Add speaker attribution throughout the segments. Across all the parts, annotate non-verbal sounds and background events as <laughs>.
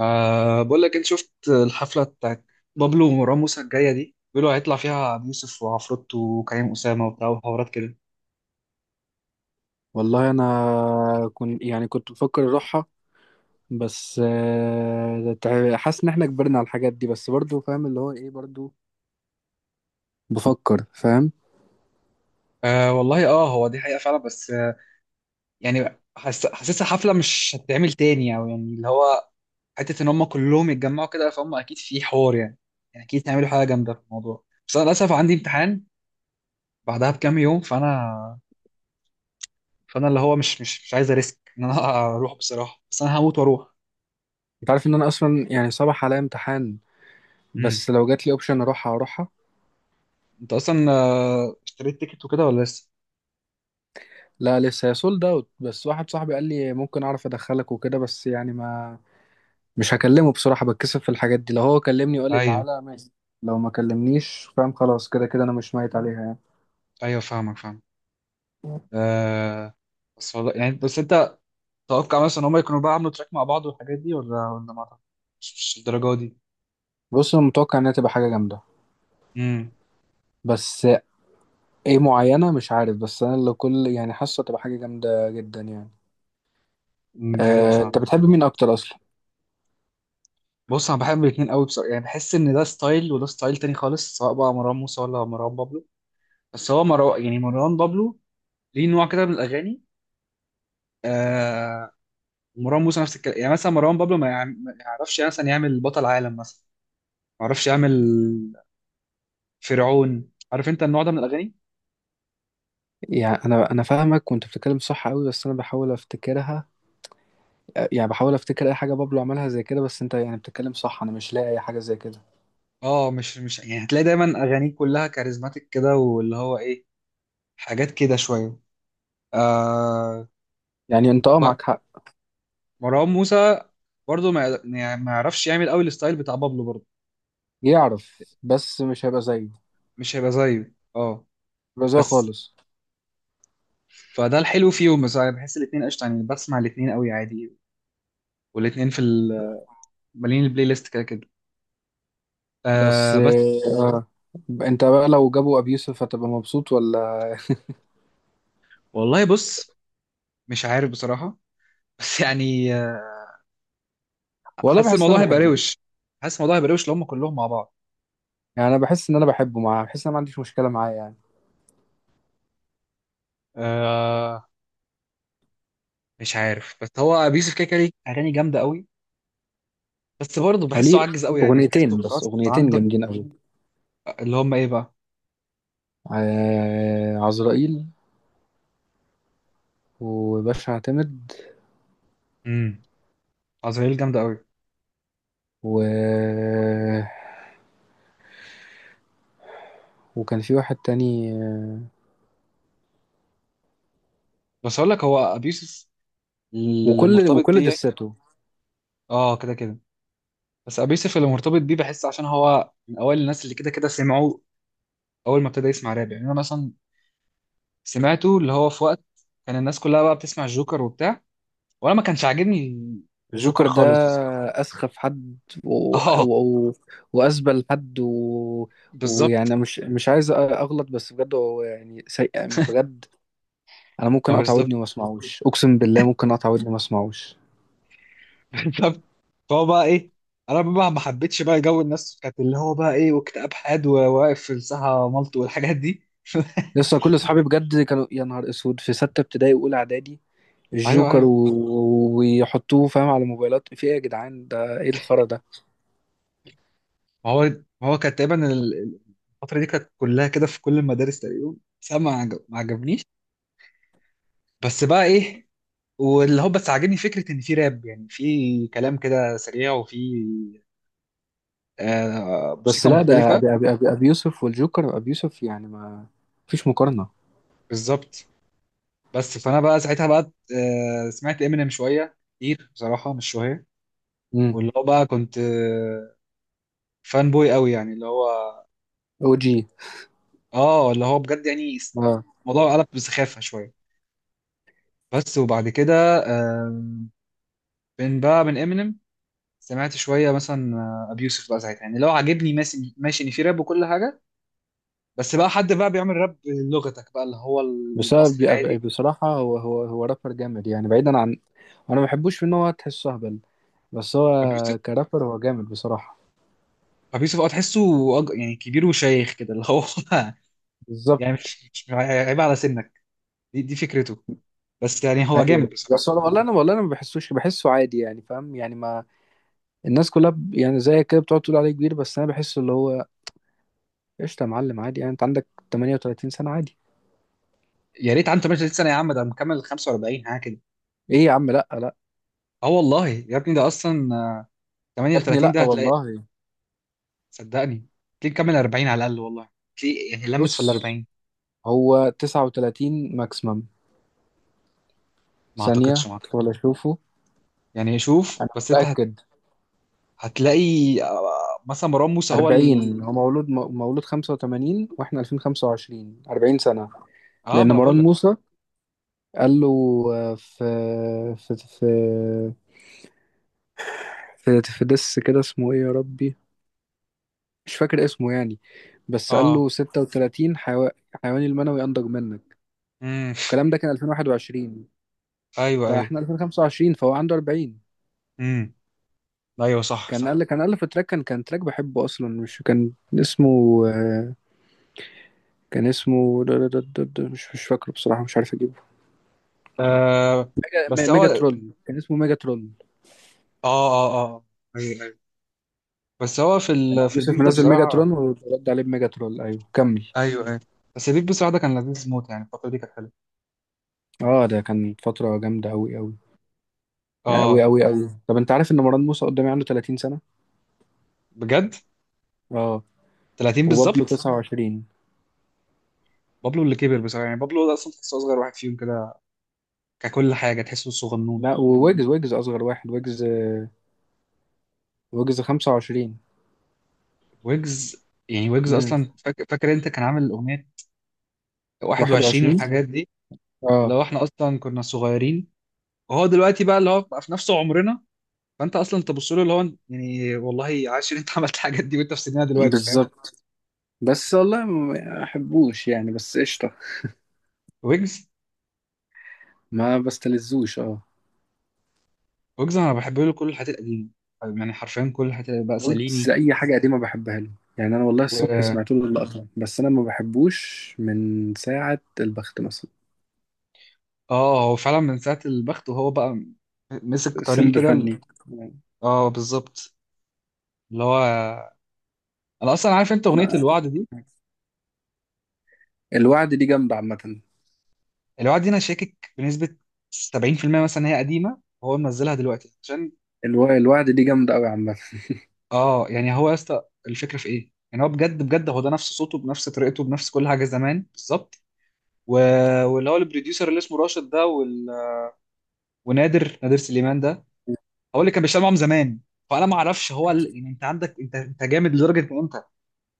Speaker 1: أه، بقول لك، انت شفت الحفله بتاعت بابلو ومروان موسى الجايه دي؟ بيقولوا هيطلع فيها ابو يوسف وعفروت وكريم اسامه وبتاع وحوارات كده.
Speaker 2: والله انا كنت يعني كنت بفكر اروحها. بس حاسس ان احنا كبرنا على الحاجات دي، بس برضو فاهم اللي هو ايه برضو، بفكر فاهم.
Speaker 1: أه والله. اه، هو دي حقيقه فعلا، بس يعني حاسسها حفله مش هتتعمل تاني، او يعني اللي هو حته ان هم كلهم يتجمعوا كده، فهم اكيد في حوار يعني. يعني اكيد هيعملوا حاجه جامده في الموضوع، بس انا للاسف عندي امتحان بعدها بكام يوم، فانا اللي هو مش عايز اريسك ان انا <laughs> اروح بصراحه، بس انا هموت واروح.
Speaker 2: انت عارف ان انا اصلا يعني صباح عليا امتحان،
Speaker 1: امم،
Speaker 2: بس لو جات لي اوبشن اروحها اروحها.
Speaker 1: انت اصلا اشتريت تيكت وكده ولا لسه؟
Speaker 2: لا لسه، هي سولد اوت، بس واحد صاحبي قال لي ممكن اعرف ادخلك وكده، بس يعني ما، مش هكلمه بصراحة، بتكسف في الحاجات دي. لو هو كلمني وقال لي
Speaker 1: ايوه،
Speaker 2: تعالى ماشي، لو ما كلمنيش فاهم خلاص، كده كده انا مش ميت عليها يعني.
Speaker 1: ايوه فاهمك، فاهم. آه، بس والله يعني، بس انت تتوقع مثلا ان هم يكونوا بقى عملوا تراك مع بعض والحاجات دي، ولا ما أعتقد- مش الدرجه دي.
Speaker 2: بص، انا متوقع انها تبقى حاجة جامدة،
Speaker 1: امم،
Speaker 2: بس ايه معينة مش عارف، بس انا اللي كل يعني حاسة تبقى حاجة جامدة جدا يعني.
Speaker 1: دي حقيقه فاهم.
Speaker 2: انت بتحب مين اكتر اصلا؟
Speaker 1: بص، انا بحب الاثنين قوي بصراحه، يعني بحس ان ده ستايل وده ستايل تاني خالص، سواء بقى مروان موسى ولا مروان بابلو. بس هو مروان، يعني مروان بابلو، ليه نوع كده من الاغاني. آه، مروان موسى نفس الكلام، يعني مثلا مروان بابلو ما يعرفش مثلا يعمل بطل عالم مثلا، ما يعرفش يعمل فرعون، عارف انت النوع ده من الاغاني.
Speaker 2: يعني انا فاهمك، وانت بتتكلم صح قوي، بس انا بحاول افتكرها. يعني بحاول افتكر اي حاجة بابلو عملها زي كده، بس انت يعني بتتكلم صح، انا مش لاقي اي حاجة زي كده.
Speaker 1: اه مش مش يعني هتلاقي دايما اغانيه كلها كاريزماتيك كده، واللي هو ايه، حاجات كده شويه. آه،
Speaker 2: يعني انت اه
Speaker 1: و-
Speaker 2: معاك حق.
Speaker 1: مروان موسى برضه ما يعني ما يعرفش يعمل قوي الستايل بتاع بابلو برضه،
Speaker 2: يعرف بس مش هيبقى زيه،
Speaker 1: مش هيبقى زيه، اه.
Speaker 2: هيبقى زيه
Speaker 1: بس،
Speaker 2: خالص.
Speaker 1: فده الحلو فيهم، بس انا بحس الاثنين قشطه يعني، بسمع الاثنين قوي عادي. والاثنين في مالين البلاي ليست كده كده.
Speaker 2: بس
Speaker 1: آه، بس
Speaker 2: آه آه، انت بقى لو جابوا ابي يوسف هتبقى مبسوط، ولا
Speaker 1: والله، بص، مش عارف بصراحه. <laughs> بس يعني
Speaker 2: ولا
Speaker 1: حاسس
Speaker 2: بحس ان
Speaker 1: الموضوع
Speaker 2: انا
Speaker 1: هيبقى
Speaker 2: بحبه؟
Speaker 1: روش، حاسس الموضوع هيبقى روش لو هم كلهم مع بعض.
Speaker 2: يعني انا بحس ان انا بحبه، معاه بحس ان انا ما عنديش مشكلة معاه يعني.
Speaker 1: آه، مش عارف، بس هو ابي يوسف كده كده ليه اغاني جامده قوي، بس برضه بحسه
Speaker 2: وليه
Speaker 1: عجز قوي، يعني
Speaker 2: اغنيتين،
Speaker 1: بحسه
Speaker 2: بس
Speaker 1: خلاص
Speaker 2: اغنيتين
Speaker 1: عندك.
Speaker 2: جامدين قوي.
Speaker 1: اللي هم ايه بقى؟
Speaker 2: عزرائيل وباشا اعتمد
Speaker 1: امم، عزرائيل جامده قوي.
Speaker 2: و... وكان في واحد تاني،
Speaker 1: بس اقول لك، هو ابي يوسف اللي
Speaker 2: وكل
Speaker 1: مرتبط
Speaker 2: وكل
Speaker 1: بيه.
Speaker 2: دساته.
Speaker 1: اه كده كده. بس ابي يوسف اللي مرتبط بيه بحس عشان هو من اوائل الناس اللي كده كده سمعوا اول ما ابتدى يسمع راب. يعني انا مثلا سمعته اللي هو في وقت كان الناس كلها بقى بتسمع الجوكر وبتاع، وانا ما كانش عاجبني الجوكر
Speaker 2: جوكر ده
Speaker 1: خالص. بس
Speaker 2: أسخف حد و...
Speaker 1: اه
Speaker 2: و... وأسبل حد،
Speaker 1: بالظبط،
Speaker 2: ويعني مش عايز أغلط، بس بجد هو يعني سيء بجد. أنا ممكن
Speaker 1: اه
Speaker 2: أقطع
Speaker 1: بالظبط،
Speaker 2: ودني وما أسمعوش، أقسم بالله ممكن أقطع ودني وما أسمعوش.
Speaker 1: بالظبط. فهو بقى ايه، انا بقى ما حبيتش بقى جو الناس بتاعت اللي هو بقى ايه، واكتئاب حاد وواقف في الساحه مالطو والحاجات دي.
Speaker 2: لسه كل أصحابي بجد كانوا، يا نهار أسود، في ستة ابتدائي وأولى إعدادي،
Speaker 1: <laughs> ايوه،
Speaker 2: الجوكر،
Speaker 1: ايوه.
Speaker 2: ويحطوه فاهم على موبايلات. في ايه يا جدعان، ده ايه الخرا ده؟
Speaker 1: ما هو ما هو كانت تقريبا الفتره دي كانت كلها كده في كل المدارس تقريبا. بس أنا ما عجبنيش. بس بقى ايه، واللي هو بس عاجبني فكره ان في راب، يعني في كلام كده سريع، وفي آه
Speaker 2: بس
Speaker 1: موسيقى
Speaker 2: لا، ده
Speaker 1: مختلفه.
Speaker 2: ابي يوسف، والجوكر ابي يوسف يعني ما فيش مقارنة.
Speaker 1: بالظبط. بس فانا بقى ساعتها بقى آه سمعت امينيم شويه كتير بصراحه، مش شويه.
Speaker 2: امم.
Speaker 1: واللي هو بقى كنت فان بوي قوي، يعني اللي هو،
Speaker 2: او جي.
Speaker 1: اه اللي هو بجد يعني
Speaker 2: اه
Speaker 1: الموضوع قلب بسخافة شوية. بس وبعد كده آم، من بقى من امينيم سمعت شوية مثلا ابيوسف بقى ساعتها. يعني لو عاجبني ماشي ماشي ان في راب وكل حاجة، بس بقى حد بقى بيعمل راب لغتك بقى، اللي هو
Speaker 2: بس أنا
Speaker 1: المصري
Speaker 2: أبي
Speaker 1: العادي.
Speaker 2: بصراحة، هو هو رابر جامد، يعني بعيدا عن، انا ما بحبوش في ان هو تحسه اهبل، بس هو
Speaker 1: ابيوسف،
Speaker 2: كرابر هو جامد بصراحة.
Speaker 1: ابيوسف اه تحسه يعني كبير وشيخ كده اللي هو <laughs> يعني
Speaker 2: بالظبط.
Speaker 1: مش مش عيب على سنك. دي فكرته. بس يعني هو جامد
Speaker 2: ايوه بس
Speaker 1: بصراحة.
Speaker 2: والله انا ما بحسوش، بحسه عادي يعني، فاهم يعني ما، الناس كلها ب- يعني زي كده بتقعد تقول عليه كبير، بس انا بحسه اللي هو قشطه يا معلم عادي، يعني انت عندك 38 سنة عادي.
Speaker 1: يا ريت عنده 38 سنه يا عم، ده مكمل 45 حاجه كده.
Speaker 2: ايه يا عم، لا لا،
Speaker 1: اه والله يا ابني، ده اصلا
Speaker 2: يا ابني
Speaker 1: 38
Speaker 2: لا
Speaker 1: ده هتلاقي،
Speaker 2: والله.
Speaker 1: صدقني، تلاقيه مكمل 40 على الاقل والله. تلاقيه يعني لمس في ال
Speaker 2: بص،
Speaker 1: 40.
Speaker 2: هو 39 ماكسيمم،
Speaker 1: ما
Speaker 2: ثانية
Speaker 1: اعتقدش، ما اعتقد.
Speaker 2: ولا اشوفه،
Speaker 1: يعني شوف،
Speaker 2: انا
Speaker 1: بس انت
Speaker 2: متأكد.
Speaker 1: هتلاقي مثلا مروان موسى هو
Speaker 2: 40 هو مولود مولود 85، واحنا 2025، 40 سنة.
Speaker 1: اه ما
Speaker 2: لان
Speaker 1: انا بقول
Speaker 2: مروان
Speaker 1: لك.
Speaker 2: موسى قال له، في في في دس كده اسمه ايه يا ربي، مش فاكر اسمه يعني، بس قال
Speaker 1: اه،
Speaker 2: له 36 حيواني المنوي انضج منك.
Speaker 1: امم،
Speaker 2: الكلام ده كان 2021،
Speaker 1: ايوه ايوه،
Speaker 2: فاحنا 2025، فهو عنده 40.
Speaker 1: امم، ايوه صح
Speaker 2: كان
Speaker 1: صح.
Speaker 2: قال، كان ألف تراك، كان تراك بحبه أصلا مش كان اسمه، آه، كان اسمه مش فاكره بصراحة، مش عارف أجيبه.
Speaker 1: آه بس هو،
Speaker 2: ميجا
Speaker 1: اه
Speaker 2: ترول، كان اسمه ميجا ترول.
Speaker 1: اه اه، ايوه ايوه، بس هو في
Speaker 2: كان عبد
Speaker 1: في
Speaker 2: يوسف
Speaker 1: البيف ده
Speaker 2: منزل ميجا
Speaker 1: بصراحه،
Speaker 2: ترول، ورد عليه بميجا ترول. أيوه كمل.
Speaker 1: ايوه ايوه. بس البيف بصراحه ده كان لذيذ موت، يعني الفتره دي كانت حلوه.
Speaker 2: اه ده كان فترة جامدة أوي أوي، يعني أوي
Speaker 1: اه
Speaker 2: أوي أوي. طب أنت عارف إن مروان موسى قدامي عنده 30 سنة؟
Speaker 1: بجد.
Speaker 2: اه،
Speaker 1: 30
Speaker 2: وبابلو
Speaker 1: بالظبط.
Speaker 2: 29.
Speaker 1: بابلو اللي كبر بصراحه، يعني بابلو ده اصلا تحسه اصغر واحد فيهم كده، ككل حاجه تحسه صغنون.
Speaker 2: لا، وويجز أصغر واحد، ويجز ويجز 25.
Speaker 1: ويجز، يعني ويجز
Speaker 2: امم.
Speaker 1: اصلا فاكر انت كان عامل الاغنيه 21
Speaker 2: 21.
Speaker 1: والحاجات دي، اللي
Speaker 2: اه
Speaker 1: هو احنا اصلا كنا صغيرين وهو دلوقتي بقى اللي هو بقى في نفس عمرنا. فانت اصلا تبص له اللي هو يعني والله عاش ان انت <laughs> عملت الحاجات دي وانت في سننا دلوقتي، فاهم.
Speaker 2: بالظبط. بس والله ما احبوش يعني، بس قشطه،
Speaker 1: ويجز،
Speaker 2: ما بستلذوش اه.
Speaker 1: ويجز انا بحب له كل الحاجات القديمه، يعني حرفيا كل الحاجات بقى
Speaker 2: ويجز
Speaker 1: ساليني.
Speaker 2: اي حاجه قديمه بحبها له، يعني انا والله
Speaker 1: و...
Speaker 2: الصبح سمعت له اللقطه، بس انا ما بحبوش من ساعه البخت مثلا.
Speaker 1: اه هو فعلا من ساعه البخت وهو بقى مسك طريق
Speaker 2: سمب
Speaker 1: كده.
Speaker 2: فني.
Speaker 1: اه بالظبط. اللي هو، انا اصلا عارف انت اغنيه الوعد دي.
Speaker 2: الوعد دي جامده عامه.
Speaker 1: الوعد دي انا شاكك بنسبه 70% مثلا هي قديمه، هو منزلها دلوقتي عشان،
Speaker 2: الوعد دي جامده قوي عامه.
Speaker 1: اه، يعني هو يا اسطى، الفكره في ايه؟ يعني هو بجد بجد هو ده نفس صوته، بنفس طريقته، بنفس كل حاجه زمان بالظبط. و... واللي هو البروديوسر اللي اسمه راشد ده ونادر سليمان ده، هو اللي كان بيشتغل معاهم زمان. فانا ما اعرفش هو يعني انت عندك، انت جامد لدرجه ان انت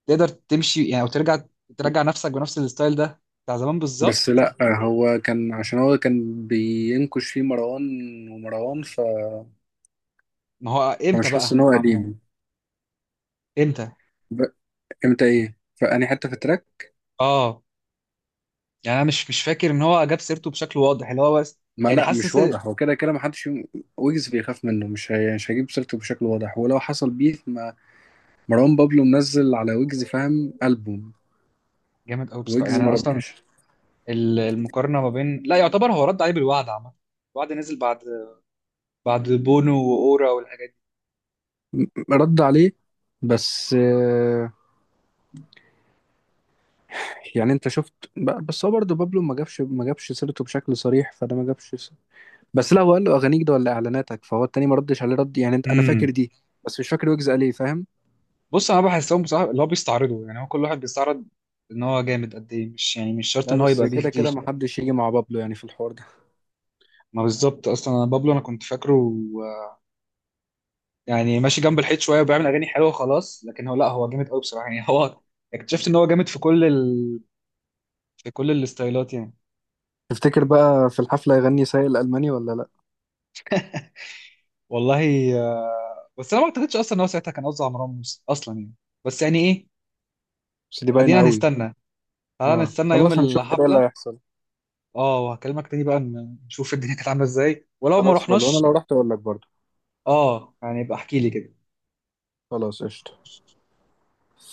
Speaker 1: تقدر تمشي يعني او ترجع، ترجع نفسك بنفس الستايل ده بتاع زمان
Speaker 2: بس
Speaker 1: بالظبط.
Speaker 2: لا، هو كان عشان هو كان بينكش فيه مروان ومروان،
Speaker 1: ما هو امتى
Speaker 2: فمش حاسس
Speaker 1: بقى
Speaker 2: ان هو
Speaker 1: ما
Speaker 2: قديم.
Speaker 1: امتى؟
Speaker 2: ب... امتى ايه؟ فاني حته في التراك.
Speaker 1: اه، يعني انا مش فاكر ان هو جاب سيرته بشكل واضح اللي هو، بس
Speaker 2: ما
Speaker 1: يعني
Speaker 2: لا مش
Speaker 1: حاسس.
Speaker 2: واضح، هو كده كده ما حدش، ويجز بيخاف منه، مش مش هجيب سيرته بشكل واضح، ولو حصل بيف، ما مروان بابلو منزل على ويجز فاهم ألبوم،
Speaker 1: جامد قوي بصراحه،
Speaker 2: ويجز
Speaker 1: يعني
Speaker 2: ما
Speaker 1: انا اصلا
Speaker 2: ردش،
Speaker 1: المقارنه ما بين. لا، يعتبر هو رد عليه بالوعد عامه. الوعد نزل بعد، بعد بونو واورا والحاجات دي.
Speaker 2: رد عليه. بس آه، يعني انت شفت، بس هو برضه بابلو ما جابش سيرته بشكل صريح، فده ما جابش بس لا، هو قال له اغانيك ده ولا اعلاناتك، فهو التاني ما ردش عليه رد، يعني انت انا
Speaker 1: امم،
Speaker 2: فاكر دي، بس مش فاكر ويجز قال ايه فاهم.
Speaker 1: بص انا بحسهم بصراحه اللي هو بيستعرضوا، يعني هو كل واحد بيستعرض ان هو جامد قد ايه. مش يعني مش شرط
Speaker 2: لا
Speaker 1: ان هو
Speaker 2: بس
Speaker 1: يبقى
Speaker 2: كده
Speaker 1: بيف
Speaker 2: كده
Speaker 1: بيف.
Speaker 2: ما حدش يجي مع بابلو يعني في الحوار ده.
Speaker 1: ما بالظبط، اصلا انا بابلو انا كنت فاكره آه، يعني ماشي جنب الحيط شويه وبيعمل اغاني حلوه خلاص، لكن هو لا، هو جامد قوي بصراحه، يعني هو اكتشفت ان هو جامد في كل في كل الستايلات يعني.
Speaker 2: تفتكر بقى في الحفلة يغني سايق الألماني ولا لا؟
Speaker 1: والله بس انا ما اعتقدش اصلا ان هو ساعتها كان قصده على مروان موسى اصلا يعني. بس يعني ايه،
Speaker 2: بس دي باينة
Speaker 1: ادينا
Speaker 2: قوي.
Speaker 1: هنستنى، تعالى
Speaker 2: اه
Speaker 1: نستنى يوم
Speaker 2: خلاص، هنشوف كده ايه اللي
Speaker 1: الحفله.
Speaker 2: هيحصل.
Speaker 1: اه وهكلمك تاني بقى، نشوف الدنيا كانت عامله ازاي ولو ما
Speaker 2: خلاص فل، وانا
Speaker 1: رحناش.
Speaker 2: لو رحت اقول لك برضه.
Speaker 1: اه يعني يبقى احكي لي كده.
Speaker 2: خلاص قشطة. سلام.